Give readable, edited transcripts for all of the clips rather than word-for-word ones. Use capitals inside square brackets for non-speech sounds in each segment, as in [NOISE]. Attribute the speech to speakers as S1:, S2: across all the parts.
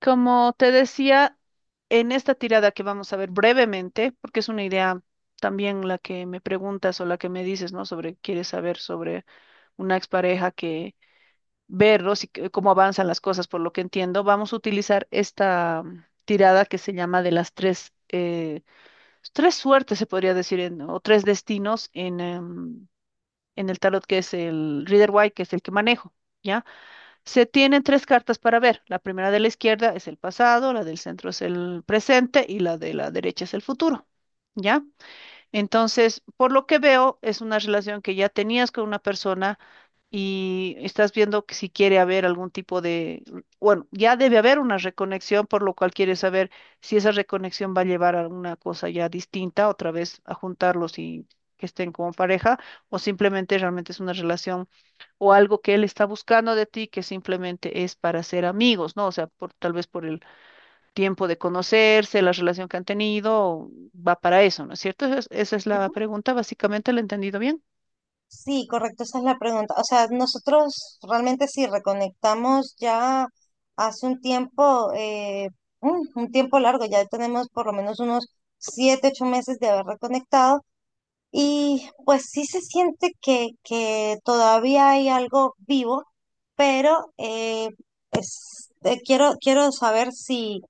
S1: Como te decía, en esta tirada que vamos a ver brevemente, porque es una idea también la que me preguntas o la que me dices, ¿no? Sobre, quieres saber sobre una expareja que verlos y cómo avanzan las cosas, por lo que entiendo, vamos a utilizar esta tirada que se llama de las tres, tres suertes, se podría decir, o tres destinos en, en el tarot, que es el Rider White, que es el que manejo, ¿ya? Se tienen tres cartas para ver. La primera de la izquierda es el pasado, la del centro es el presente y la de la derecha es el futuro. ¿Ya? Entonces, por lo que veo, es una relación que ya tenías con una persona y estás viendo que si quiere haber algún tipo de, bueno, ya debe haber una reconexión, por lo cual quieres saber si esa reconexión va a llevar a una cosa ya distinta, otra vez a juntarlos y que estén como pareja, o simplemente realmente es una relación o algo que él está buscando de ti que simplemente es para ser amigos, ¿no? O sea, por, tal vez por el tiempo de conocerse, la relación que han tenido, va para eso, ¿no es cierto? Esa es la
S2: Ujú.
S1: pregunta, básicamente, ¿la he entendido bien?
S2: Sí, correcto, esa es la pregunta. O sea, nosotros realmente sí reconectamos ya hace un tiempo, un tiempo largo, ya tenemos por lo menos unos siete, ocho meses de haber reconectado y pues sí se siente que todavía hay algo vivo, pero quiero saber si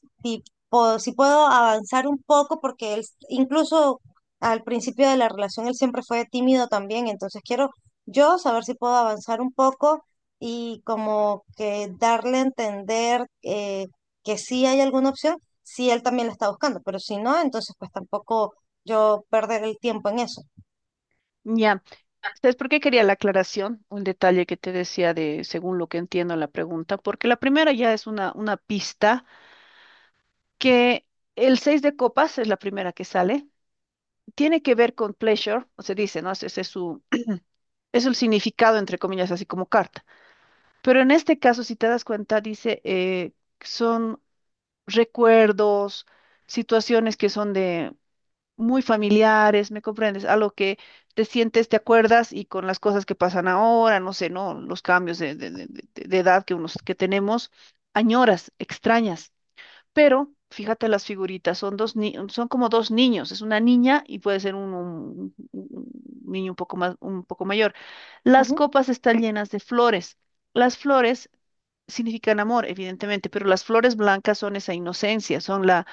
S2: si tipo, si puedo avanzar un poco, porque incluso al principio de la relación él siempre fue tímido también, entonces quiero yo saber si puedo avanzar un poco y como que darle a entender que sí hay alguna opción, si él también la está buscando, pero si no, entonces pues tampoco yo perder el tiempo en eso.
S1: Ya, ¿sabes por qué quería la aclaración? Un detalle que te decía de, según lo que entiendo la pregunta, porque la primera ya es una pista que el seis de copas es la primera que sale, tiene que ver con pleasure, o se dice, ¿no? Ese es su, es el significado, entre comillas, así como carta. Pero en este caso, si te das cuenta, dice, son recuerdos, situaciones que son de muy familiares, ¿me comprendes? A lo que te sientes, te acuerdas y con las cosas que pasan ahora, no sé, ¿no? Los cambios de edad que unos que tenemos, añoras, extrañas. Pero fíjate las figuritas, son dos ni- son como dos niños, es una niña y puede ser un niño un poco más, un poco mayor. Las
S2: Ujú,
S1: copas están llenas de flores. Las flores significan amor, evidentemente, pero las flores blancas son esa inocencia, son la,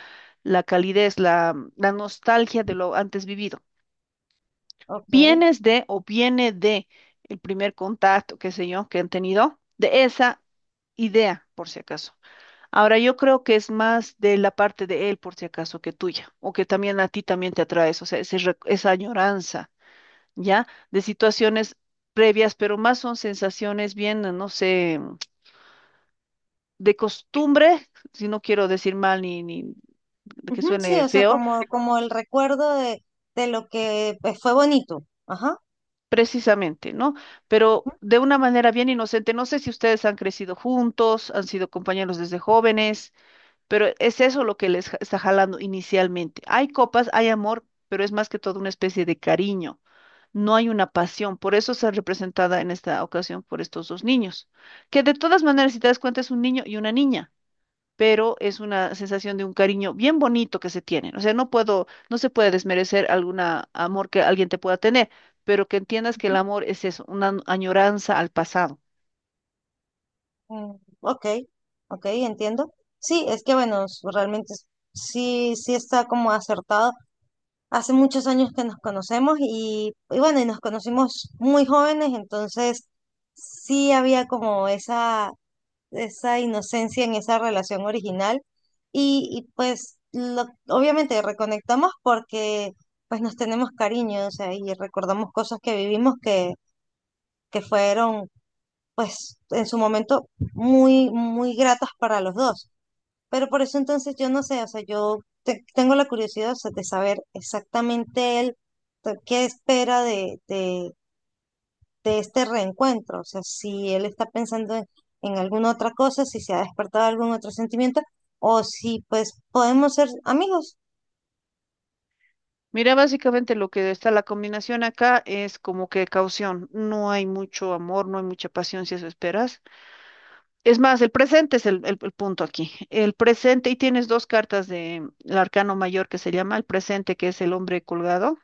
S1: la calidez, la nostalgia de lo antes vivido.
S2: ok.
S1: Vienes de o viene de el primer contacto, qué sé yo, que han tenido, de esa idea, por si acaso. Ahora yo creo que es más de la parte de él, por si acaso, que tuya, o que también a ti también te atraes, o sea, esa añoranza, ¿ya? De situaciones previas, pero más son sensaciones bien, no sé, de costumbre, si no quiero decir mal ni, ni que
S2: Ujú, sí,
S1: suene
S2: o sea,
S1: feo,
S2: como el recuerdo de lo que pues, fue bonito. Ajá.
S1: precisamente, ¿no? Pero de una manera bien inocente. No sé si ustedes han crecido juntos, han sido compañeros desde jóvenes, pero es eso lo que está jalando inicialmente. Hay copas, hay amor, pero es más que todo una especie de cariño. No hay una pasión, por eso está representada en esta ocasión por estos dos niños, que de todas maneras, si te das cuenta, es un niño y una niña. Pero es una sensación de un cariño bien bonito que se tienen. O sea, no puedo, no se puede desmerecer algún amor que alguien te pueda tener, pero que entiendas que el
S2: Ujú.
S1: amor es eso, añoranza al pasado.
S2: Mm, ok, ok, entiendo. Sí, es que bueno, sí, sí está como acertado. Hace muchos años que nos conocemos y bueno, y nos conocimos muy jóvenes, entonces sí había como esa inocencia en esa relación original. Y pues obviamente reconectamos porque pues nos tenemos cariño, o sea, y recordamos cosas que vivimos que fueron pues en su momento muy, muy gratas para los dos. Pero por eso entonces yo no sé, o sea, tengo la curiosidad, o sea, de saber exactamente él, o sea, qué espera de este reencuentro, o sea, si él está pensando en alguna otra cosa, si se ha despertado algún otro sentimiento, o si pues podemos ser amigos.
S1: Mira, básicamente lo que está la combinación acá es como que caución. No hay mucho amor, no hay mucha pasión si eso esperas. Es más, el presente es el punto aquí. El presente, y tienes dos cartas del arcano mayor que se llama el presente, que es el hombre colgado,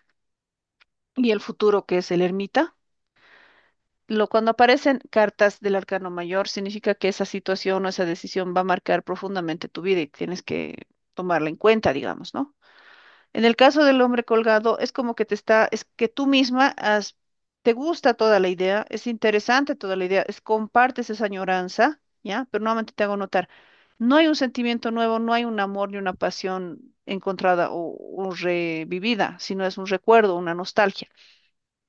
S1: y el futuro, que es el ermita. Lo, cuando aparecen cartas del arcano mayor, significa que esa situación o esa decisión va a marcar profundamente tu vida y tienes que tomarla en cuenta, digamos, ¿no? En el caso del hombre colgado, es como que te está, es que tú misma has, te gusta toda la idea, es interesante toda la idea, es, compartes esa añoranza, ¿ya? Pero nuevamente te hago notar, no hay un sentimiento nuevo, no hay un amor ni una pasión encontrada o revivida, sino es un recuerdo, una nostalgia.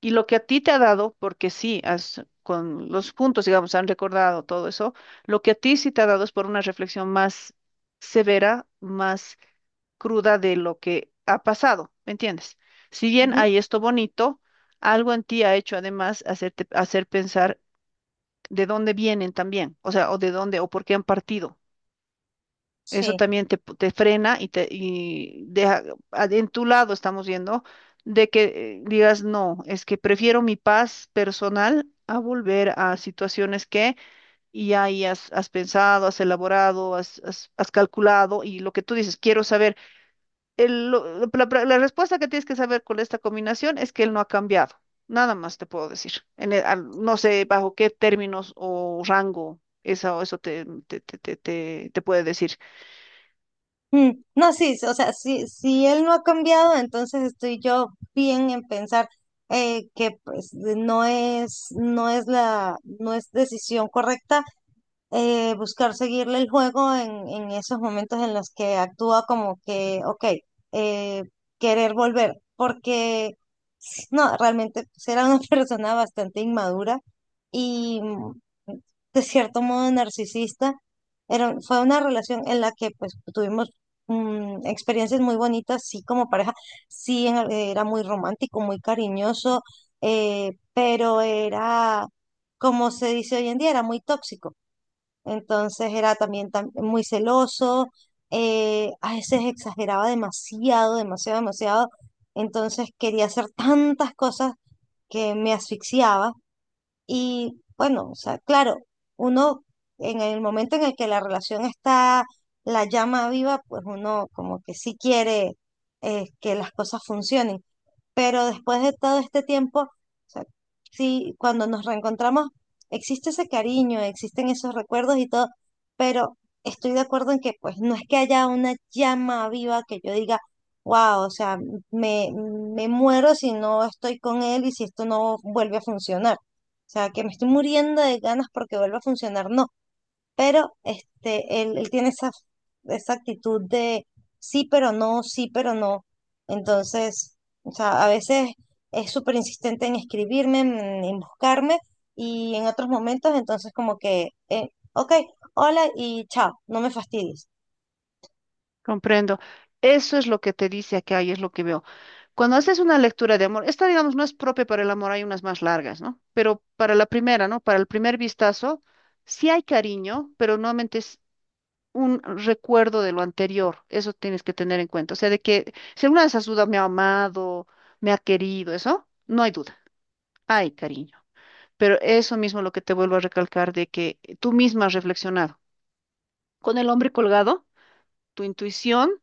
S1: Y lo que a ti te ha dado, porque sí, has, con los puntos, digamos, han recordado todo eso, lo que a ti sí te ha dado es por una reflexión más severa, más cruda de lo que ha pasado, ¿me entiendes? Si bien
S2: Ujú.
S1: hay esto bonito, algo en ti ha hecho además hacerte, hacer pensar de dónde vienen también, o sea, o de dónde, o por qué han partido. Eso
S2: Sí.
S1: también te frena y te y deja en tu lado, estamos viendo, de que digas, no, es que prefiero mi paz personal a volver a situaciones que y ahí has, has pensado, has elaborado, has calculado y lo que tú dices, quiero saber. El- lo- la respuesta que tienes que saber con esta combinación es que él no ha cambiado. Nada más te puedo decir. No sé bajo qué términos o rango eso, eso te puede decir.
S2: Mm, no, sí, o sea, si, si él no ha cambiado, entonces estoy yo bien en pensar que pues no es, no es la, no es decisión correcta, buscar seguirle el juego en esos momentos en los que actúa como que, ok, eh, querer volver, porque no, realmente pues, era una [LAUGHS] persona bastante inmadura y de cierto modo narcisista. Era, fue una relación en la que pues tuvimos experiencias muy bonitas, sí, como pareja, sí, era muy romántico, muy cariñoso, pero era, como se dice hoy en día, era muy tóxico. Entonces era también, muy celoso, a veces exageraba demasiado, demasiado, demasiado. Entonces quería hacer tantas cosas que me asfixiaba. Y bueno, o sea, claro, uno en el momento en el que la relación está, la llama viva, pues uno como que sí quiere que las cosas funcionen. Pero después de todo este tiempo, o sea, sí, cuando nos reencontramos, existe ese cariño, existen esos recuerdos y todo, pero estoy de acuerdo en que pues no es que haya una llama viva que yo diga, wow, o sea, me muero si no estoy con él y si esto no vuelve a funcionar. O sea, que me estoy muriendo de ganas porque vuelva a funcionar, no, pero este, él tiene esa, esa actitud de sí, pero no, sí, pero no. Entonces, o sea, a veces es súper insistente en escribirme, en buscarme, y en otros momentos, entonces como que, ok, hola y chao, no me fastidies.
S1: Comprendo. Eso es lo que te dice acá y es lo que veo. Cuando haces una lectura de amor, esta, digamos, no es propia para el amor, hay unas más largas, ¿no? Pero para la primera, ¿no? Para el primer vistazo, sí hay cariño, pero nuevamente es un recuerdo de lo anterior. Eso tienes que tener en cuenta. O sea, de que si alguna de esas dudas me ha amado, me ha querido, eso, no hay duda. Hay cariño. Pero eso mismo es lo que te vuelvo a recalcar de que tú misma has reflexionado. Con el hombre colgado, tu intuición.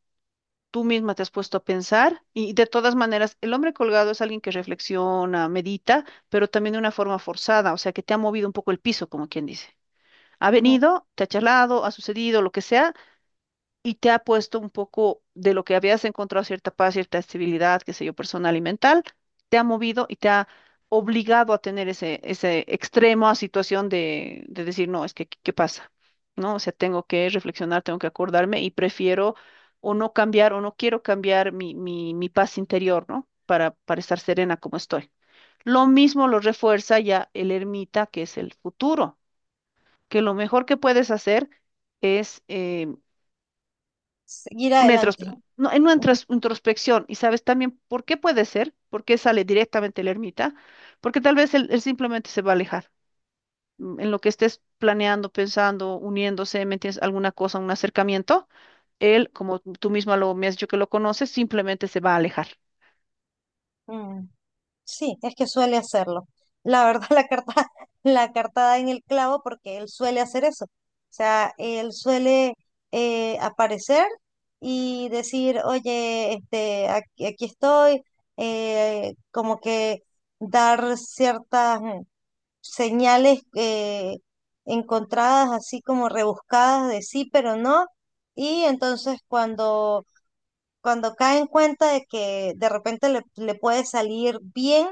S1: Tú misma te has puesto a pensar y de todas maneras, el hombre colgado es alguien que reflexiona, medita, pero también de una forma forzada, o sea, que te ha movido un poco el piso, como quien dice. Ha
S2: Ujú.
S1: venido, te ha charlado, ha sucedido, lo que sea, y te ha puesto un poco de lo que habías encontrado cierta paz, cierta estabilidad, qué sé yo, personal y mental, te ha movido y te ha obligado a tener ese, ese extremo a situación de decir, no, es que, ¿qué qué pasa? ¿No? O sea, tengo que reflexionar, tengo que acordarme y prefiero o no cambiar o no quiero cambiar mi paz interior, ¿no? Para estar serena como estoy. Lo mismo lo refuerza ya el ermita, que es el futuro, que lo mejor que puedes hacer es
S2: Seguir adelante.
S1: no, en
S2: Ujú.
S1: introspección. Y sabes también por qué puede ser, por qué sale directamente el ermita, porque tal vez él simplemente se va a alejar. Mm, en lo que estés planeando, pensando, uniéndose, ¿me entiendes? Alguna cosa, un acercamiento, él, como tú misma lo, me has dicho que lo conoces, simplemente se va a alejar.
S2: Mm. Sí, es que suele hacerlo. La verdad, [LAUGHS] la carta da en el clavo porque él suele hacer eso. O sea, él suele aparecer y decir, oye, este, aquí estoy, como que dar ciertas señales encontradas, así como rebuscadas de sí, pero no. Y entonces cuando cae en cuenta de que de repente le puede salir bien,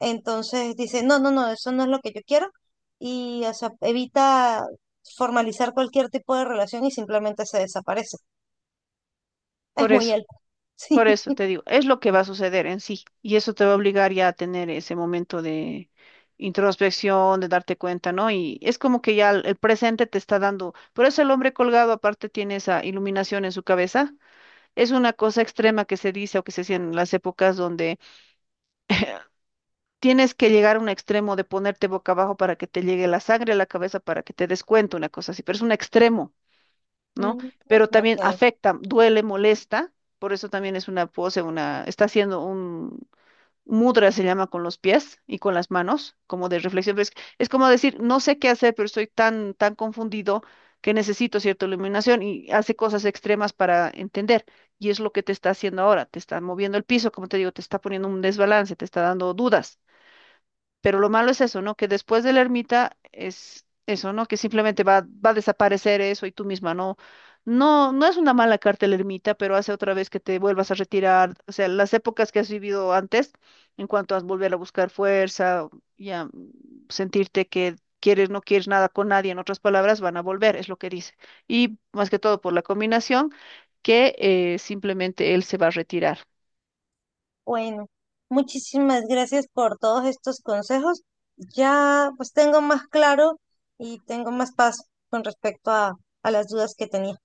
S2: entonces dice, no, no, no, eso no es lo que yo quiero. Y o sea, evita formalizar cualquier tipo de relación y simplemente se desaparece. Es
S1: Por
S2: muy
S1: eso.
S2: él. [LAUGHS]
S1: Por
S2: Sí.
S1: eso te digo, es lo que va a suceder en sí, y eso te va a obligar ya a tener ese momento de introspección, de darte cuenta, ¿no? Y es como que ya el presente te está dando, por eso el hombre colgado aparte tiene esa iluminación en su cabeza, es una cosa extrema que se dice o que se hacía en las épocas donde tienes que llegar a un extremo de ponerte boca abajo para que te llegue la sangre a la cabeza, para que te des cuenta, una cosa así, pero es un extremo, ¿no?
S2: Mm.
S1: Pero también
S2: Ok.
S1: afecta, duele, molesta. Por eso también es una pose, una, está haciendo un, Mudra se llama con los pies y con las manos, como de reflexión. Es como decir, no sé qué hacer, pero estoy tan, tan confundido que necesito cierta iluminación y hace cosas extremas para entender. Y es lo que te está haciendo ahora. Te está moviendo el piso, como te digo, te está poniendo un desbalance, te está dando dudas. Pero lo malo es eso, ¿no? Que después de la ermita es eso, ¿no? Que simplemente va, va a desaparecer eso y tú misma, ¿no? No, no es una mala carta la ermita, pero hace otra vez que te vuelvas a retirar. O sea, las épocas que has vivido antes, en cuanto a volver a buscar fuerza y a sentirte que quieres, no quieres nada con nadie, en otras palabras, van a volver, es lo que dice. Y más que todo por la combinación que simplemente él se va a retirar.
S2: Bueno, muchísimas gracias por todos estos consejos. Ya pues tengo más claro y tengo más paz con respecto a las dudas que tenía.